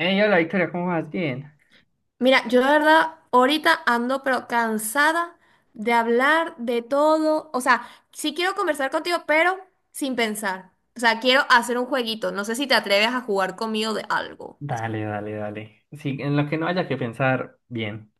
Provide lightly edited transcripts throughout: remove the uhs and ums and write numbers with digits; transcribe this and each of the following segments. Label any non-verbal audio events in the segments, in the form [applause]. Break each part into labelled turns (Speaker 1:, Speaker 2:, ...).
Speaker 1: Hey, hola Victoria, ¿cómo vas? Bien.
Speaker 2: Mira, yo la verdad ahorita ando pero cansada de hablar de todo. O sea, sí quiero conversar contigo, pero sin pensar. O sea, quiero hacer un jueguito. No sé si te atreves a jugar conmigo de algo.
Speaker 1: Dale, dale, dale. Sí, en lo que no haya que pensar, bien.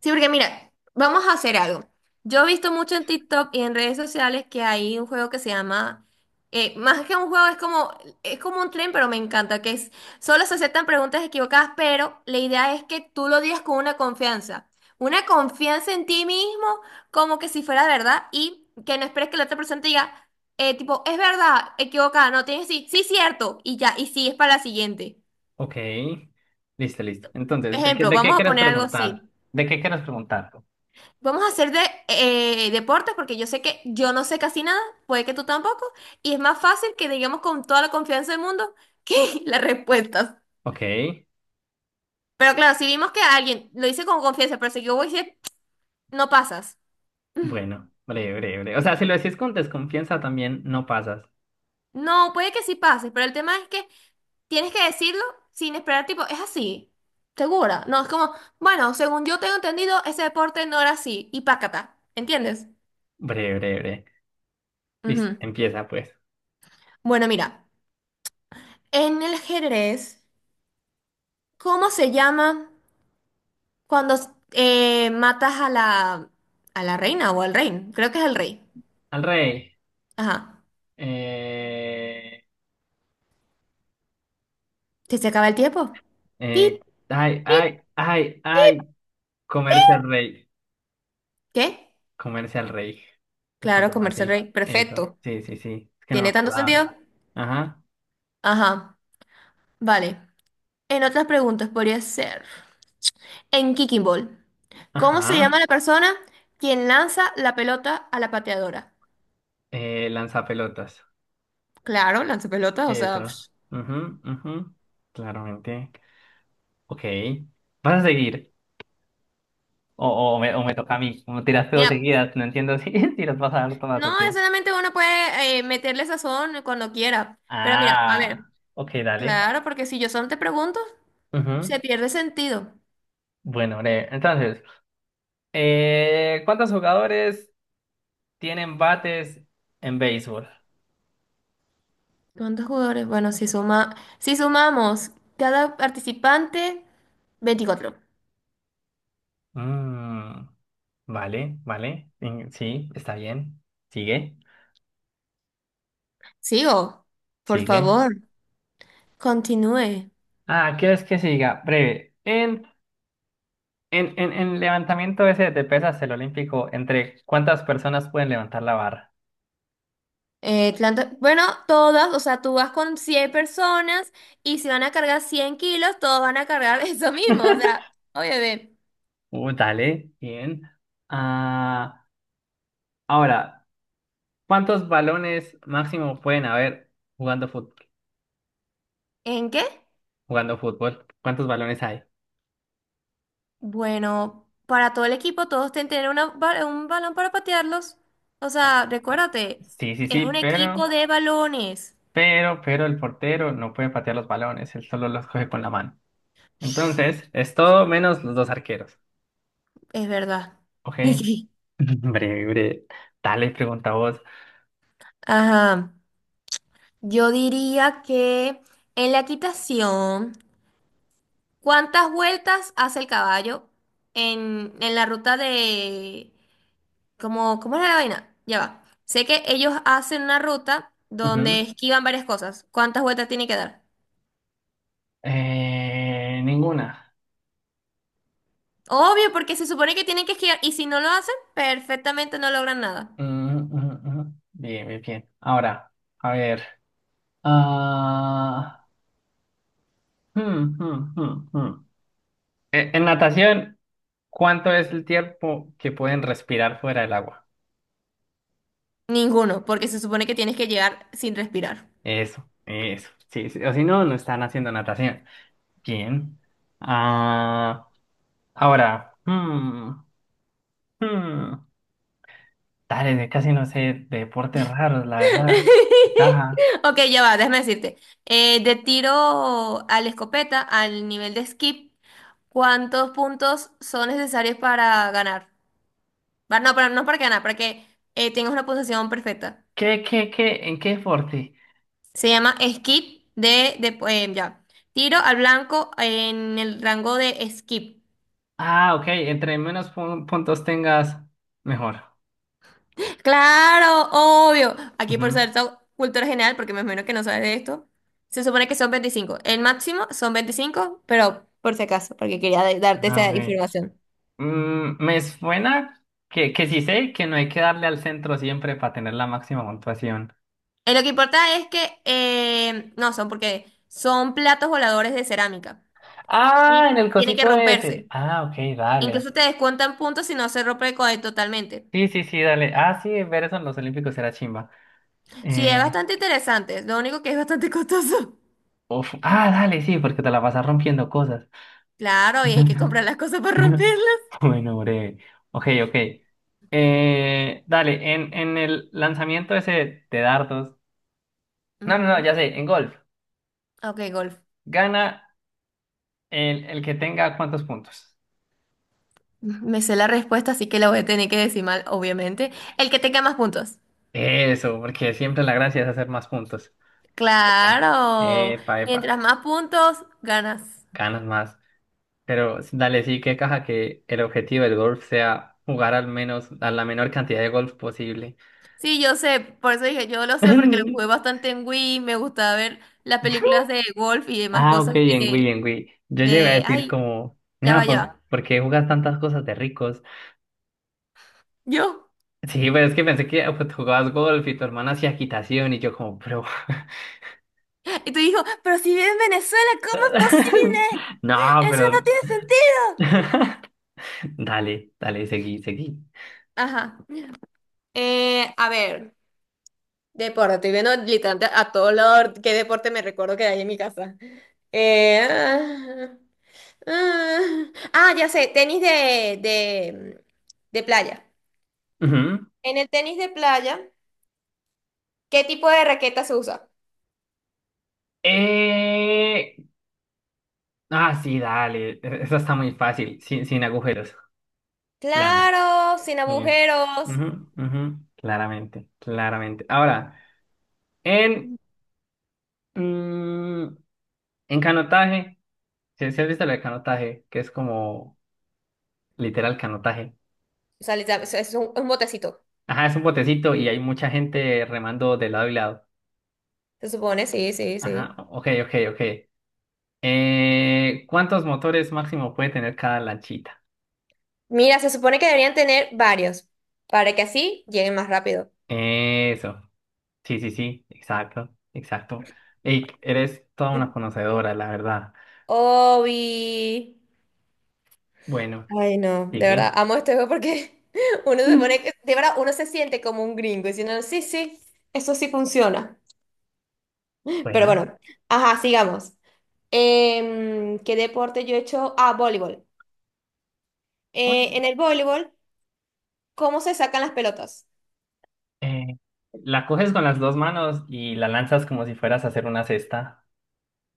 Speaker 2: Sí, porque mira, vamos a hacer algo. Yo he visto mucho en TikTok y en redes sociales que hay un juego que se llama, más que un juego, es como un tren, pero me encanta, que es, solo se aceptan preguntas equivocadas, pero la idea es que tú lo digas con una confianza en ti mismo, como que si fuera verdad, y que no esperes que la otra persona te diga, tipo, es verdad, equivocada, no tienes sí, sí, cierto, y ya, y sigues para la siguiente.
Speaker 1: Ok. Listo, listo. Entonces, ¿de qué,
Speaker 2: Ejemplo,
Speaker 1: de qué
Speaker 2: vamos a
Speaker 1: quieres
Speaker 2: poner algo
Speaker 1: preguntar?
Speaker 2: así.
Speaker 1: ¿De qué quieres preguntar?
Speaker 2: Vamos a hacer de deportes porque yo sé que yo no sé casi nada, puede que tú tampoco, y es más fácil que digamos con toda la confianza del mundo que [laughs] las respuestas.
Speaker 1: Ok.
Speaker 2: Pero claro, si vimos que alguien lo dice con confianza, pero si yo voy a decir, no pasas. Mm.
Speaker 1: Bueno, breve, breve, breve. O sea, si lo decís con desconfianza también no pasas.
Speaker 2: No, puede que sí pases, pero el tema es que tienes que decirlo sin esperar, tipo, es así, segura. No, es como, bueno, según yo tengo entendido, ese deporte no era así, y pácata, ¿entiendes?
Speaker 1: Breve, breve, breve. Listo,
Speaker 2: Ujú.
Speaker 1: empieza pues.
Speaker 2: Bueno, mira, en el ajedrez, ¿cómo se llama? Cuando matas a la reina o al rey, creo que es el rey.
Speaker 1: Al rey.
Speaker 2: Ajá.
Speaker 1: Eh,
Speaker 2: ¿Que se acaba el tiempo? Pip,
Speaker 1: eh, Ay,
Speaker 2: pip.
Speaker 1: ay, ay, ay. Comerse al rey.
Speaker 2: ¿Qué?
Speaker 1: Comerse al rey. Se
Speaker 2: Claro,
Speaker 1: llama
Speaker 2: comerse el
Speaker 1: así.
Speaker 2: rey.
Speaker 1: Eso.
Speaker 2: Perfecto.
Speaker 1: Sí, sí, sí. Es que no me
Speaker 2: ¿Tiene tanto sentido?
Speaker 1: acordaba. Ajá.
Speaker 2: Ajá. Vale. En otras preguntas podría ser. En Kicking Ball, ¿cómo se llama
Speaker 1: Ajá.
Speaker 2: la persona quien lanza la pelota a la pateadora?
Speaker 1: Lanzapelotas.
Speaker 2: Claro, lanza pelotas, o sea, pf,
Speaker 1: Eso. Mhm, mhm, claramente. Ok. ¿Vas a seguir? O, o me toca a mí. Como tiraste dos
Speaker 2: mira,
Speaker 1: seguidas. No entiendo si, [laughs] si las vas a dar todas o
Speaker 2: no
Speaker 1: qué.
Speaker 2: necesariamente uno puede meterle sazón cuando quiera, pero mira, a
Speaker 1: Ah.
Speaker 2: ver.
Speaker 1: Ok, dale.
Speaker 2: Claro, porque si yo solo te pregunto,
Speaker 1: Mhm.
Speaker 2: se pierde sentido.
Speaker 1: Bueno, breve. Entonces, ¿cuántos jugadores tienen bates en béisbol?
Speaker 2: ¿Cuántos jugadores? Bueno, si sumamos cada participante, 24.
Speaker 1: Mm, vale, vale. Sí, está bien. Sigue, vale.
Speaker 2: Sigo, por
Speaker 1: Sigue.
Speaker 2: favor, continúe.
Speaker 1: Ah, ¿quieres que siga? Breve. En levantamiento ese de pesas, el olímpico, ¿entre cuántas personas pueden levantar la barra?
Speaker 2: Bueno, todas, o sea, tú vas con 100 personas y si van a cargar 100 kilos, todos van a cargar [laughs] eso mismo. O
Speaker 1: [laughs]
Speaker 2: sea, oye,
Speaker 1: Dale, bien. Ah, ahora, ¿cuántos balones máximo pueden haber jugando fútbol?
Speaker 2: ¿en qué?
Speaker 1: Jugando fútbol. ¿Cuántos balones hay?
Speaker 2: Bueno, para todo el equipo, todos tienen que tener un balón para patearlos. O
Speaker 1: Ah,
Speaker 2: sea,
Speaker 1: ah,
Speaker 2: recuérdate,
Speaker 1: sí, sí,
Speaker 2: es
Speaker 1: sí,
Speaker 2: un equipo
Speaker 1: pero.
Speaker 2: de balones.
Speaker 1: Pero el portero no puede patear los balones, él solo los coge con la mano. Entonces, es todo menos los dos arqueros.
Speaker 2: Es verdad.
Speaker 1: Ok. [laughs] Breve, breve. Dale, pregunta vos.
Speaker 2: [laughs] Ajá. Yo diría que en la equitación, ¿cuántas vueltas hace el caballo en, la ruta de... cómo ¿cómo era la vaina? Ya va. Sé que ellos hacen una ruta donde
Speaker 1: Ujú.
Speaker 2: esquivan varias cosas. ¿Cuántas vueltas tiene que dar?
Speaker 1: Ninguna.
Speaker 2: Obvio, porque se supone que tienen que esquivar y si no lo hacen, perfectamente no logran nada.
Speaker 1: Mm, mm, mm. Bien, bien, bien. Ahora, a ver. Ah. hmm, hmm, hmm, hmm. En natación, ¿cuánto es el tiempo que pueden respirar fuera del agua?
Speaker 2: Ninguno, porque se supone que tienes que llegar sin respirar.
Speaker 1: Eso, eso. Sí, sí, o si no, no están haciendo natación. Bien. Ah, ahora, hmm, dale, casi no sé de deportes raros, la verdad.
Speaker 2: [laughs]
Speaker 1: Ajá.
Speaker 2: Ok, ya va, déjame decirte. De tiro a la escopeta, al nivel de skip, ¿cuántos puntos son necesarios para ganar? Va, no, pero no para ganar, para que tengas una puntuación perfecta.
Speaker 1: ¿Qué, qué, qué? ¿En qué deporte?
Speaker 2: Se llama skip ya. Tiro al blanco en el rango de skip.
Speaker 1: Ah, ok, entre menos puntos tengas, mejor.
Speaker 2: Claro, obvio. Aquí por
Speaker 1: Ujú.
Speaker 2: ser cultura general, porque me imagino que no sabes de esto, se supone que son 25. El máximo son 25, pero por si acaso, porque quería darte
Speaker 1: Ah, ok.
Speaker 2: esa información.
Speaker 1: Me suena que sí sé que no hay que darle al centro siempre para tener la máxima puntuación.
Speaker 2: Lo que importa es que, no, son porque son platos voladores de cerámica
Speaker 1: Ah, en
Speaker 2: y
Speaker 1: el
Speaker 2: tiene que
Speaker 1: cosito de ese.
Speaker 2: romperse.
Speaker 1: Ah, ok, dale.
Speaker 2: Incluso te descuentan puntos si no se rompe totalmente.
Speaker 1: Sí, sí, sí, dale. Ah, sí, ver eso en los Olímpicos era chimba.
Speaker 2: Sí,
Speaker 1: Eh,
Speaker 2: es bastante interesante, lo único que es bastante costoso. [laughs]
Speaker 1: Uf, ah, dale, sí, porque te la vas a rompiendo cosas.
Speaker 2: Claro, y hay que comprar
Speaker 1: [laughs]
Speaker 2: las cosas para romperlas.
Speaker 1: Bueno, breve. Ok, ok. Dale, en el lanzamiento ese de dardos. No, no, no,
Speaker 2: Ujú.
Speaker 1: ya sé, en golf.
Speaker 2: Ok, golf.
Speaker 1: Gana el que tenga cuántos puntos.
Speaker 2: Me sé la respuesta, así que la voy a tener que decir mal, obviamente. El que tenga más puntos.
Speaker 1: Eso, porque siempre la gracia es hacer más puntos. Epa,
Speaker 2: Claro.
Speaker 1: epa, epa,
Speaker 2: Mientras más puntos, ganas.
Speaker 1: ganas más. Pero dale, sí, que caja que el objetivo del golf sea jugar al menos, a la menor cantidad de golf posible.
Speaker 2: Sí, yo sé. Por eso dije, yo lo sé porque lo
Speaker 1: [laughs]
Speaker 2: jugué bastante en Wii. Me gustaba ver las películas de golf y demás
Speaker 1: Ah, ok,
Speaker 2: cosas
Speaker 1: en Wii, en Wii. Yo llegué a
Speaker 2: de...
Speaker 1: decir
Speaker 2: Ay,
Speaker 1: como,
Speaker 2: ya
Speaker 1: mira,
Speaker 2: va, ya
Speaker 1: ¿por,
Speaker 2: va.
Speaker 1: por qué jugas tantas cosas de ricos?
Speaker 2: Yo.
Speaker 1: Sí, pero es que pensé que pues, jugabas golf y tu hermana hacía equitación y yo como, pero.
Speaker 2: Y tú dijo, pero si vive en Venezuela, ¿cómo es
Speaker 1: [laughs]
Speaker 2: posible?
Speaker 1: No,
Speaker 2: Eso no
Speaker 1: pero.
Speaker 2: tiene sentido.
Speaker 1: [laughs] Dale, dale, seguí, seguí.
Speaker 2: Ajá. A ver. Deporte, estoy viendo literalmente a todo lado qué deporte me recuerdo que hay en mi casa. Ah, ah, ah, ya sé, tenis de, playa.
Speaker 1: Ujú.
Speaker 2: En el tenis de playa, ¿qué tipo de raqueta se usa?
Speaker 1: Eh... Ah, sí, dale. Eso está muy fácil, sin, agujeros. Plano.
Speaker 2: Claro, sin
Speaker 1: Eh,
Speaker 2: agujeros.
Speaker 1: Ujú, ujú, claramente, claramente. Ahora, en... mm, en canotaje. Si has visto el canotaje, que es como literal canotaje.
Speaker 2: O sea, literal, es un botecito,
Speaker 1: Ajá, es un botecito y hay mucha gente remando de lado y lado.
Speaker 2: se supone, sí, sí,
Speaker 1: Ajá,
Speaker 2: sí.
Speaker 1: ok, ok, ok. ¿Cuántos motores máximo puede tener cada lanchita?
Speaker 2: Mira, se supone que deberían tener varios, para que así lleguen más rápido.
Speaker 1: Eso. Sí, sí, sí, exacto, exacto. Ey, eres toda una conocedora, la verdad.
Speaker 2: Obi.
Speaker 1: Bueno,
Speaker 2: Ay, no, de verdad,
Speaker 1: sigue.
Speaker 2: amo este juego porque [laughs] uno se pone, de verdad, uno se siente como un gringo diciendo, sí, sí, eso sí funciona. Pero
Speaker 1: Bueno.
Speaker 2: bueno, ajá, sigamos. ¿Qué deporte yo he hecho? Ah, voleibol. En el voleibol, ¿cómo se sacan las pelotas?
Speaker 1: Eh, la coges con las dos manos y la lanzas como si fueras a hacer una cesta.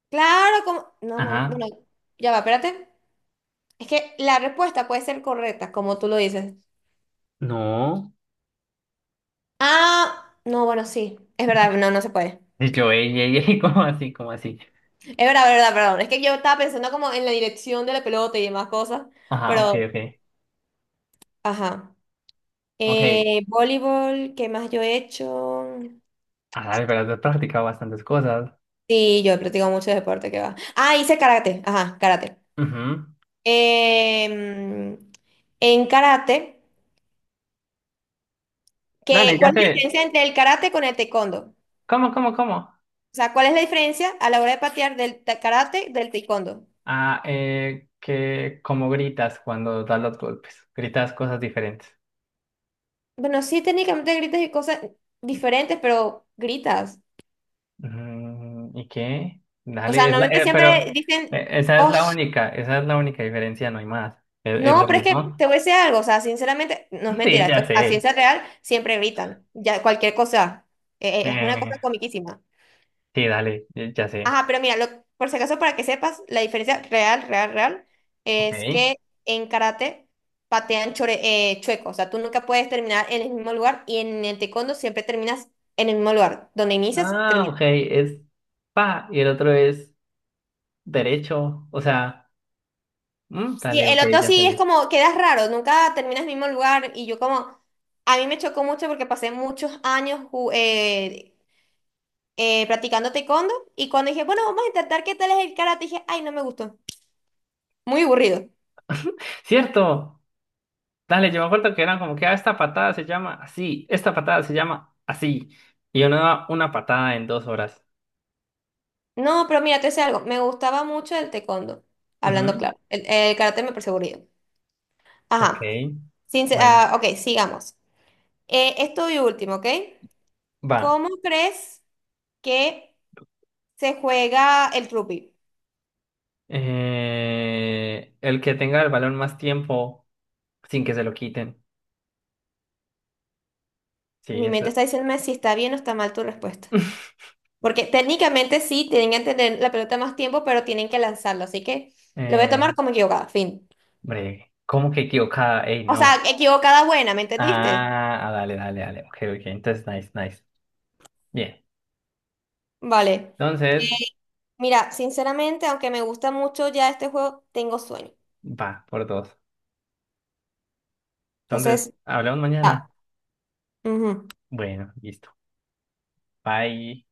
Speaker 2: Claro, como... No,
Speaker 1: Ajá.
Speaker 2: bueno, ya va, espérate. Es que la respuesta puede ser correcta, como tú lo dices.
Speaker 1: No.
Speaker 2: Ah, no, bueno, sí, es verdad, no, no se puede.
Speaker 1: Y yo, ey, ey, ey, [laughs] ¿cómo así? ¿Cómo así?
Speaker 2: Es verdad, verdad, perdón. Es que yo estaba pensando como en la dirección de la pelota y demás cosas,
Speaker 1: Ajá, ok,
Speaker 2: pero...
Speaker 1: ok,
Speaker 2: Ajá.
Speaker 1: ok.
Speaker 2: Voleibol, ¿qué más yo he hecho?
Speaker 1: Ah, dale, pero has practicado bastantes cosas.
Speaker 2: Sí, yo he practicado mucho deporte, ¿qué va? Ah, hice karate. Ajá, karate.
Speaker 1: Ujú.
Speaker 2: Em, en karate,
Speaker 1: Dale, ya
Speaker 2: ¿cuál es la
Speaker 1: sé.
Speaker 2: diferencia entre el karate con el taekwondo?
Speaker 1: ¿Cómo, cómo, cómo?
Speaker 2: O sea, ¿cuál es la diferencia a la hora de patear karate del taekwondo?
Speaker 1: Ah, que como gritas cuando das los golpes. Gritas cosas diferentes.
Speaker 2: Bueno, sí, técnicamente gritas y cosas diferentes, pero gritas.
Speaker 1: ¿Y qué?
Speaker 2: O sea,
Speaker 1: Dale, es
Speaker 2: normalmente siempre
Speaker 1: pero
Speaker 2: dicen,
Speaker 1: esa es
Speaker 2: oh.
Speaker 1: la única, esa es la única diferencia, no hay más. ¿Es
Speaker 2: No,
Speaker 1: lo
Speaker 2: pero es que
Speaker 1: mismo?
Speaker 2: te
Speaker 1: [laughs]
Speaker 2: voy a decir algo, o sea, sinceramente, no es
Speaker 1: Sí,
Speaker 2: mentira, esto,
Speaker 1: ya
Speaker 2: a
Speaker 1: sé.
Speaker 2: ciencia real siempre gritan, ya cualquier cosa, es una cosa
Speaker 1: Eh,
Speaker 2: comiquísima.
Speaker 1: sí, dale, ya sé.
Speaker 2: Ajá, pero mira, por si acaso, para que sepas, la diferencia real, real, real, es
Speaker 1: Ok.
Speaker 2: que en karate patean chueco, o sea, tú nunca puedes terminar en el mismo lugar y en el taekwondo siempre terminas en el mismo lugar, donde inicias,
Speaker 1: Ah,
Speaker 2: terminas.
Speaker 1: ok, es pa y el otro es derecho, o sea,
Speaker 2: Sí,
Speaker 1: dale,
Speaker 2: el
Speaker 1: ok,
Speaker 2: otro
Speaker 1: ya
Speaker 2: sí es
Speaker 1: entendí.
Speaker 2: como, quedas raro, nunca terminas en el mismo lugar y yo como, a mí me chocó mucho porque pasé muchos años practicando taekwondo y cuando dije, bueno, vamos a intentar qué tal es el karate, dije, ay, no me gustó, muy aburrido.
Speaker 1: Cierto, dale, yo me acuerdo que eran como que ah, esta patada se llama así, esta patada se llama así, y uno da una patada en 2 horas.
Speaker 2: No, pero mira, te sé algo, me gustaba mucho el taekwondo, hablando
Speaker 1: Ujú,
Speaker 2: claro, el karate me pareció aburrido.
Speaker 1: ok,
Speaker 2: Ajá. Sin,
Speaker 1: bueno,
Speaker 2: Ah, ok, sigamos. Esto y último, ¿ok?
Speaker 1: va.
Speaker 2: ¿Cómo crees que se juega el rugby?
Speaker 1: El que tenga el balón más tiempo sin que se lo quiten. Sí,
Speaker 2: Mi
Speaker 1: eso.
Speaker 2: mente está diciéndome si está bien o está mal tu respuesta.
Speaker 1: [laughs]
Speaker 2: Porque técnicamente sí, tienen que tener la pelota más tiempo, pero tienen que lanzarlo, así que lo voy a
Speaker 1: Eh,
Speaker 2: tomar como equivocada, fin.
Speaker 1: Breve. ¿Cómo que equivocada? Ey,
Speaker 2: O sea,
Speaker 1: no.
Speaker 2: equivocada buena, ¿me entendiste?
Speaker 1: Ah, ah, dale, dale, dale. Ok, ok. Entonces, nice, nice. Bien.
Speaker 2: Vale.
Speaker 1: Entonces,
Speaker 2: Mira, sinceramente, aunque me gusta mucho ya este juego, tengo sueño.
Speaker 1: va, por dos. Entonces,
Speaker 2: Entonces,
Speaker 1: hablamos mañana.
Speaker 2: ya. Ujú.
Speaker 1: Bueno, listo. Bye.